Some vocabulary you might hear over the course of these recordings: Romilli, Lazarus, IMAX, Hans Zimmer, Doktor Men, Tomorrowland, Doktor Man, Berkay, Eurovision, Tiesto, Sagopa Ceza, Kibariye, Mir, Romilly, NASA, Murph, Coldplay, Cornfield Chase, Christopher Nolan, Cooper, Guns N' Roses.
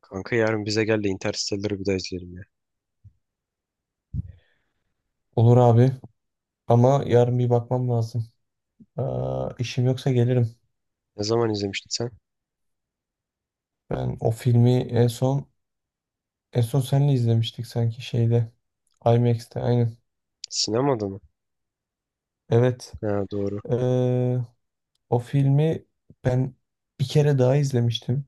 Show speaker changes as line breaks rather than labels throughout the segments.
Kanka yarın bize gel de Interstellar'ı bir daha izleyelim ya.
Olur abi, ama yarın bir bakmam lazım. Aa, işim yoksa gelirim.
Ne zaman izlemiştin sen?
Ben o filmi en son seninle izlemiştik sanki şeyde, IMAX'te, aynen.
Sinemada mı?
Evet.
Ha, doğru.
Ee, O filmi ben bir kere daha izlemiştim.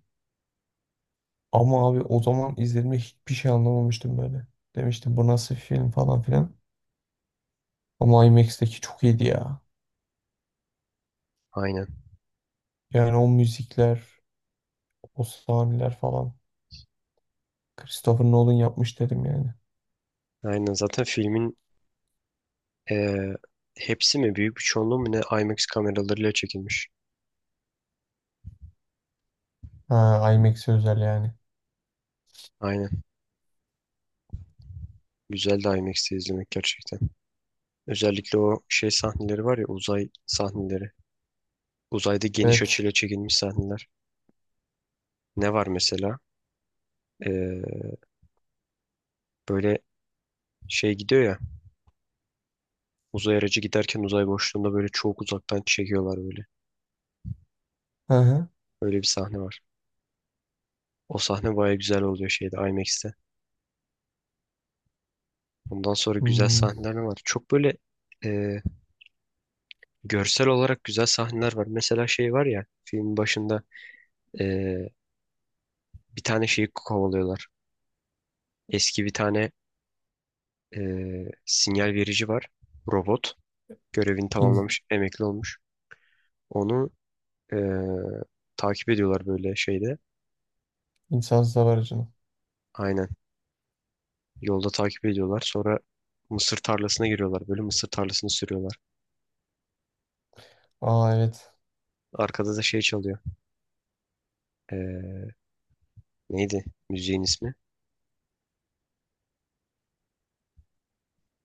Ama abi o zaman izlediğimde hiçbir şey anlamamıştım böyle. Demiştim bu nasıl film, falan filan. Ama IMAX'teki çok iyiydi ya.
Aynen.
Yani o müzikler, o sahneler falan. Christopher Nolan yapmış dedim yani.
Aynen. Zaten filmin eee, hepsi mi? Büyük bir çoğunluğu mu ne? IMAX kameralarıyla çekilmiş.
Ha, IMAX'e özel yani.
Aynen. Güzel de IMAX'te izlemek gerçekten. Özellikle o şey sahneleri var ya, uzay sahneleri. Uzayda geniş
Evet.
açıyla çekilmiş sahneler. Ne var mesela? Eee, böyle şey gidiyor ya. Uzay aracı giderken uzay boşluğunda böyle çok uzaktan çekiyorlar böyle.
Hı hı.
Öyle bir sahne var. O sahne baya güzel oluyor şeyde, IMAX'te. Ondan sonra güzel
Hmm,
sahneler ne var. Çok böyle e, görsel olarak güzel sahneler var. Mesela şey var ya, filmin başında e, bir tane şeyi kovalıyorlar. Eski bir tane e, sinyal verici var. Robot. Görevini
in,
tamamlamış. Emekli olmuş. Onu e, takip ediyorlar böyle şeyde.
insansız hava aracını.
Aynen. Yolda takip ediyorlar. Sonra mısır tarlasına giriyorlar. Böyle mısır tarlasını sürüyorlar.
Aa evet.
Arkada da şey çalıyor. E, neydi müziğin ismi?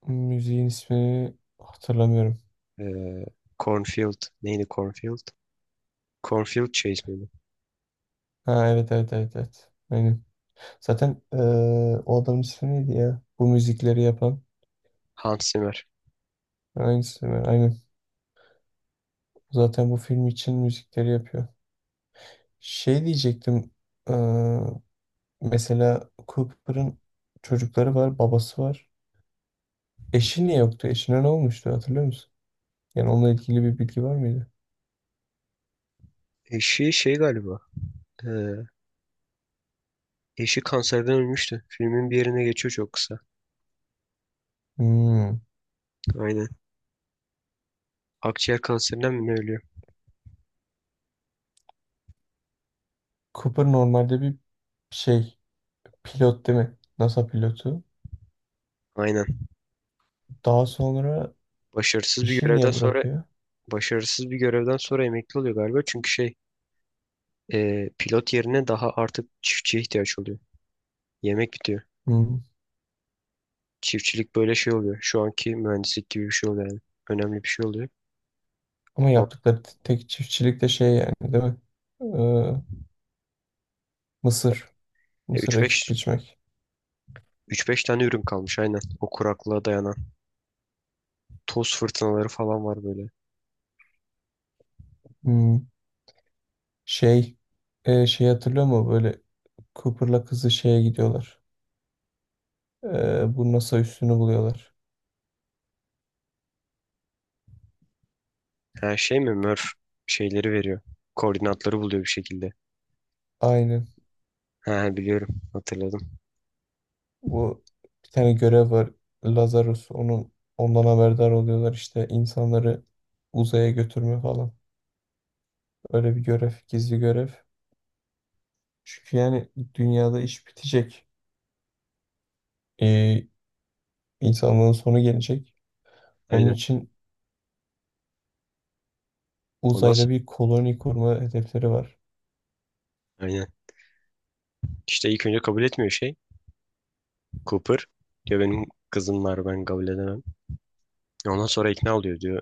Müziğin ismini hatırlamıyorum.
Ee, Cornfield. Neydi Cornfield? Cornfield Chase miydi?
Ha, evet evet evet evet. Aynen. Zaten o adamın ismi neydi ya? Bu müzikleri yapan.
Hans Zimmer.
Aynısı mı? Aynen. Zaten bu film için müzikleri yapıyor. Şey diyecektim. eee, Mesela Cooper'ın çocukları var, babası var. Eşi niye yoktu? Eşine ne olmuştu, hatırlıyor musun? Yani onunla ilgili bir bilgi var mıydı?
Eşi şey galiba. Ee, eşi kanserden ölmüştü. Filmin bir yerine geçiyor çok kısa.
Hmm.
Aynen. Akciğer kanserinden mi ne ölüyor?
Cooper normalde bir şey, pilot değil mi? NASA pilotu.
Aynen.
Daha sonra
Başarısız bir
işi
görevden
niye
sonra
bırakıyor?
başarısız bir görevden sonra emekli oluyor galiba. Çünkü şey pilot yerine daha artık çiftçiye ihtiyaç oluyor. Yemek bitiyor.
Hmm.
Çiftçilik böyle şey oluyor. Şu anki mühendislik gibi bir şey oluyor yani. Önemli bir şey oluyor.
Ama
O-
yaptıkları tek çiftçilik de şey yani, değil mi? Ee, Mısır.
e,
Mısır ekip
3-5
biçmek.
3-5 tane ürün kalmış, aynen. O, kuraklığa dayanan. Toz fırtınaları falan var böyle.
Hmm. Şey şey hatırlıyor musun? Böyle Cooper'la kızı şeye gidiyorlar. Bu NASA üssünü buluyorlar.
Ha, şey mi? Murph şeyleri veriyor. Koordinatları buluyor bir şekilde.
Aynen.
Ha, biliyorum. Hatırladım.
Bu bir tane görev var. Lazarus, ondan haberdar oluyorlar işte, insanları uzaya götürme falan. Öyle bir görev, gizli görev. Çünkü yani dünyada iş bitecek. Ee, insanlığın sonu gelecek. Onun
Aynen.
için
O
uzayda
nasıl?
bir koloni kurma hedefleri var.
Aynen. İşte ilk önce kabul etmiyor şey. Cooper. Diyor benim kızım var, ben kabul edemem. Ondan sonra ikna oluyor, diyor.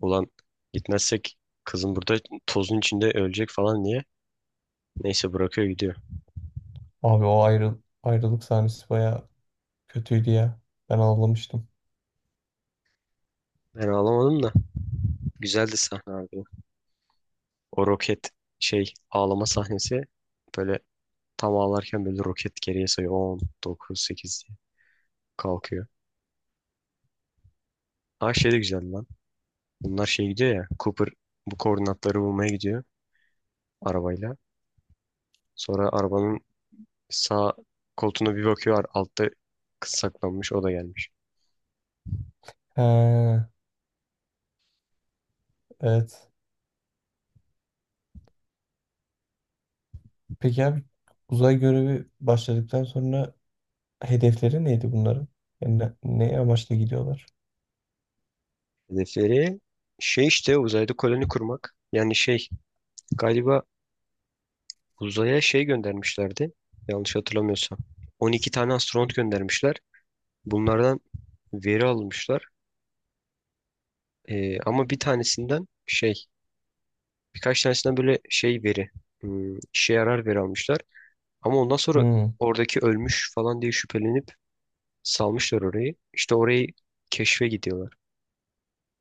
Ulan, gitmezsek kızım burada tozun içinde ölecek falan diye. Neyse, bırakıyor gidiyor.
Abi o ayrıl ayrılık sahnesi bayağı kötüydü ya. Ben ağlamıştım.
Ben ağlamadım da. Güzeldi sahne abi. O roket şey ağlama sahnesi, böyle tam ağlarken böyle roket geriye sayıyor. On dokuz sekiz diye kalkıyor. Ha, şey de güzel lan. Bunlar şey gidiyor ya. Cooper bu koordinatları bulmaya gidiyor arabayla. Sonra arabanın sağ koltuğuna bir bakıyor. Altta kız saklanmış. O da gelmiş.
He, evet. Peki abi, uzay görevi başladıktan sonra hedefleri neydi bunların? Yani ne amaçla gidiyorlar?
Hedefleri şey işte, uzayda koloni kurmak. Yani şey galiba uzaya şey göndermişlerdi. Yanlış hatırlamıyorsam, 12 tane astronot göndermişler. Bunlardan veri almışlar. Ama bir tanesinden şey, birkaç tanesinden böyle şey veri, işe yarar veri almışlar. Ama ondan sonra
Hmm.
oradaki ölmüş falan diye şüphelenip salmışlar orayı. İşte orayı keşfe gidiyorlar.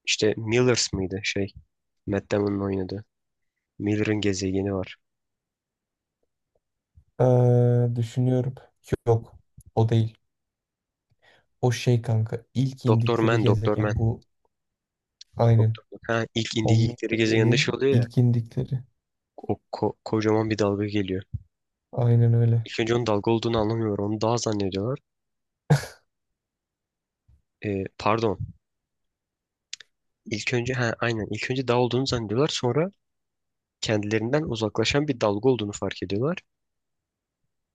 İşte Millers mıydı şey, Matt Damon'un oynadığı. Miller'ın gezegeni var.
Düşünüyorum. Yok. O değil. O şey kanka. İlk
Doktor
indikleri
Man, Doktor Man.
gezegen bu. Aynen.
Doktor Man. Ha, ilk
O Mir
indikleri gezegeninde şey
dediğin
oluyor ya.
ilk indikleri.
Kocaman bir dalga geliyor.
Aynen öyle.
İlk önce onun dalga olduğunu anlamıyorlar. Onu dağ zannediyorlar. Pardon. İlk önce, ha aynen, ilk önce dağ olduğunu zannediyorlar. Sonra kendilerinden uzaklaşan bir dalga olduğunu fark ediyorlar.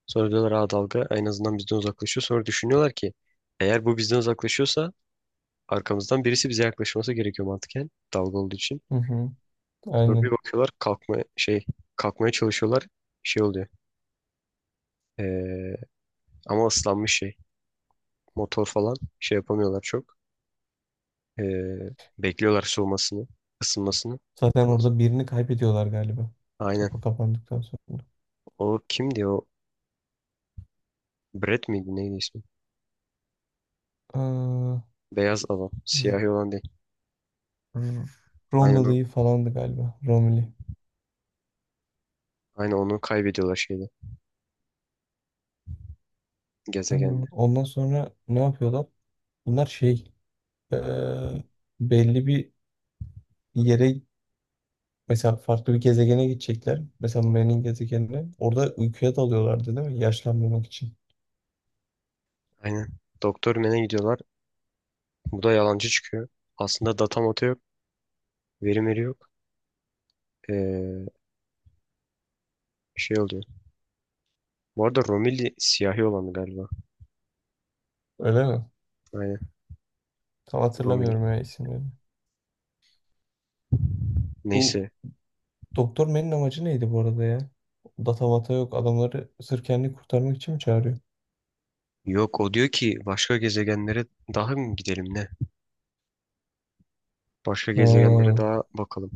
Sonra diyorlar ha, dalga en azından bizden uzaklaşıyor. Sonra düşünüyorlar ki eğer bu bizden uzaklaşıyorsa arkamızdan birisi bize yaklaşması gerekiyor, mantıken, dalga olduğu için.
Hı hı.
Sonra bir
Aynen.
bakıyorlar kalkmaya çalışıyorlar. Şey oluyor. Ee, ama ıslanmış şey. Motor falan şey yapamıyorlar çok. Ee, bekliyorlar soğumasını, ısınmasını.
Zaten orada birini kaybediyorlar galiba.
Aynen.
Kapı kapandıktan sonra.
O kimdi o? Brett miydi neydi ismi?
Aa,
Beyaz adam. Siyahi olan değil.
R-
Aynen o.
Romilly falandı galiba. Romilly.
Aynen onu kaybediyorlar şeyde.
Ee,
Gezegende.
Ondan sonra ne yapıyorlar? Bunlar şey ee, belli bir yere, mesela farklı bir gezegene gidecekler. Mesela Mer'in gezegenine. Orada uykuya dalıyorlardı değil mi? Yaşlanmamak için.
Aynen. Doktor Men'e gidiyorlar. Bu da yalancı çıkıyor. Aslında data datamata yok. Veri veri yok. Ee, şey oluyor. Bu arada Romilli siyahi olanı galiba.
Öyle mi?
Aynen.
Tam
Romilli.
hatırlamıyorum ya isimlerini. Bu
Neyse.
Doktor Menin amacı neydi bu arada ya? Data mata yok. Adamları sırf kendini kurtarmak için mi çağırıyor?
Yok, o diyor ki başka gezegenlere daha mı gidelim ne? Başka gezegenlere
Ha.
daha bakalım.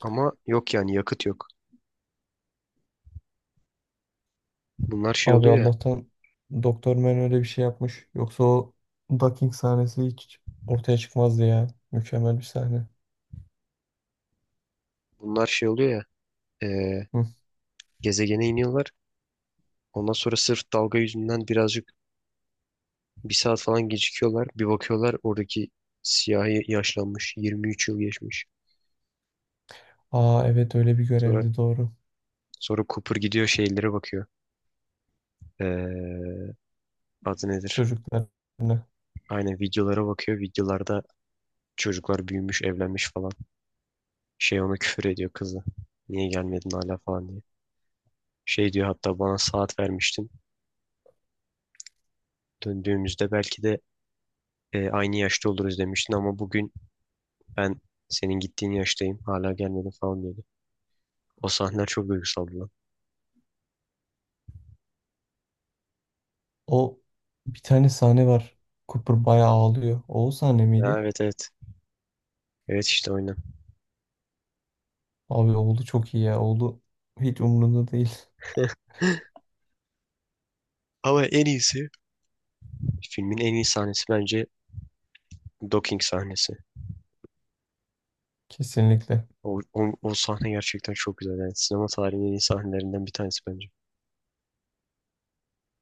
Ama yok yani, yakıt yok. Bunlar şey
Abi
oluyor ya.
Allah'tan Doktor Man öyle bir şey yapmış. Yoksa o ducking sahnesi hiç ortaya çıkmazdı ya. Mükemmel bir sahne.
Bunlar şey oluyor ya. eee,
Hı.
gezegene iniyorlar. Ondan sonra sırf dalga yüzünden birazcık, bir saat falan gecikiyorlar. Bir bakıyorlar, oradaki siyahi yaşlanmış. 23 yıl geçmiş.
Aa evet, öyle bir
Sonra
görevdi, doğru.
sonra Cooper gidiyor şeylere bakıyor. Eee, adı nedir?
Çocuklarına.
Aynen, videolara bakıyor. Videolarda çocuklar büyümüş, evlenmiş falan. Şey, ona küfür ediyor kızı. Niye gelmedin hala falan diye. Şey diyor, hatta bana saat vermiştin. Döndüğümüzde belki de aynı yaşta oluruz demiştin ama bugün ben senin gittiğin yaştayım. Hala gelmedin falan diyordu. O sahneler çok duygusaldı lan.
O, bir tane sahne var. Cooper bayağı ağlıyor. O sahne
Ha,
miydi?
evet evet. Evet işte, oynan.
Abi oğlu çok iyi ya. Oğlu hiç umurunda değil.
Ama en iyisi, filmin en iyi sahnesi bence, docking sahnesi.
Kesinlikle.
O sahne gerçekten çok güzel. Yani sinema tarihinin en iyi sahnelerinden bir tanesi bence.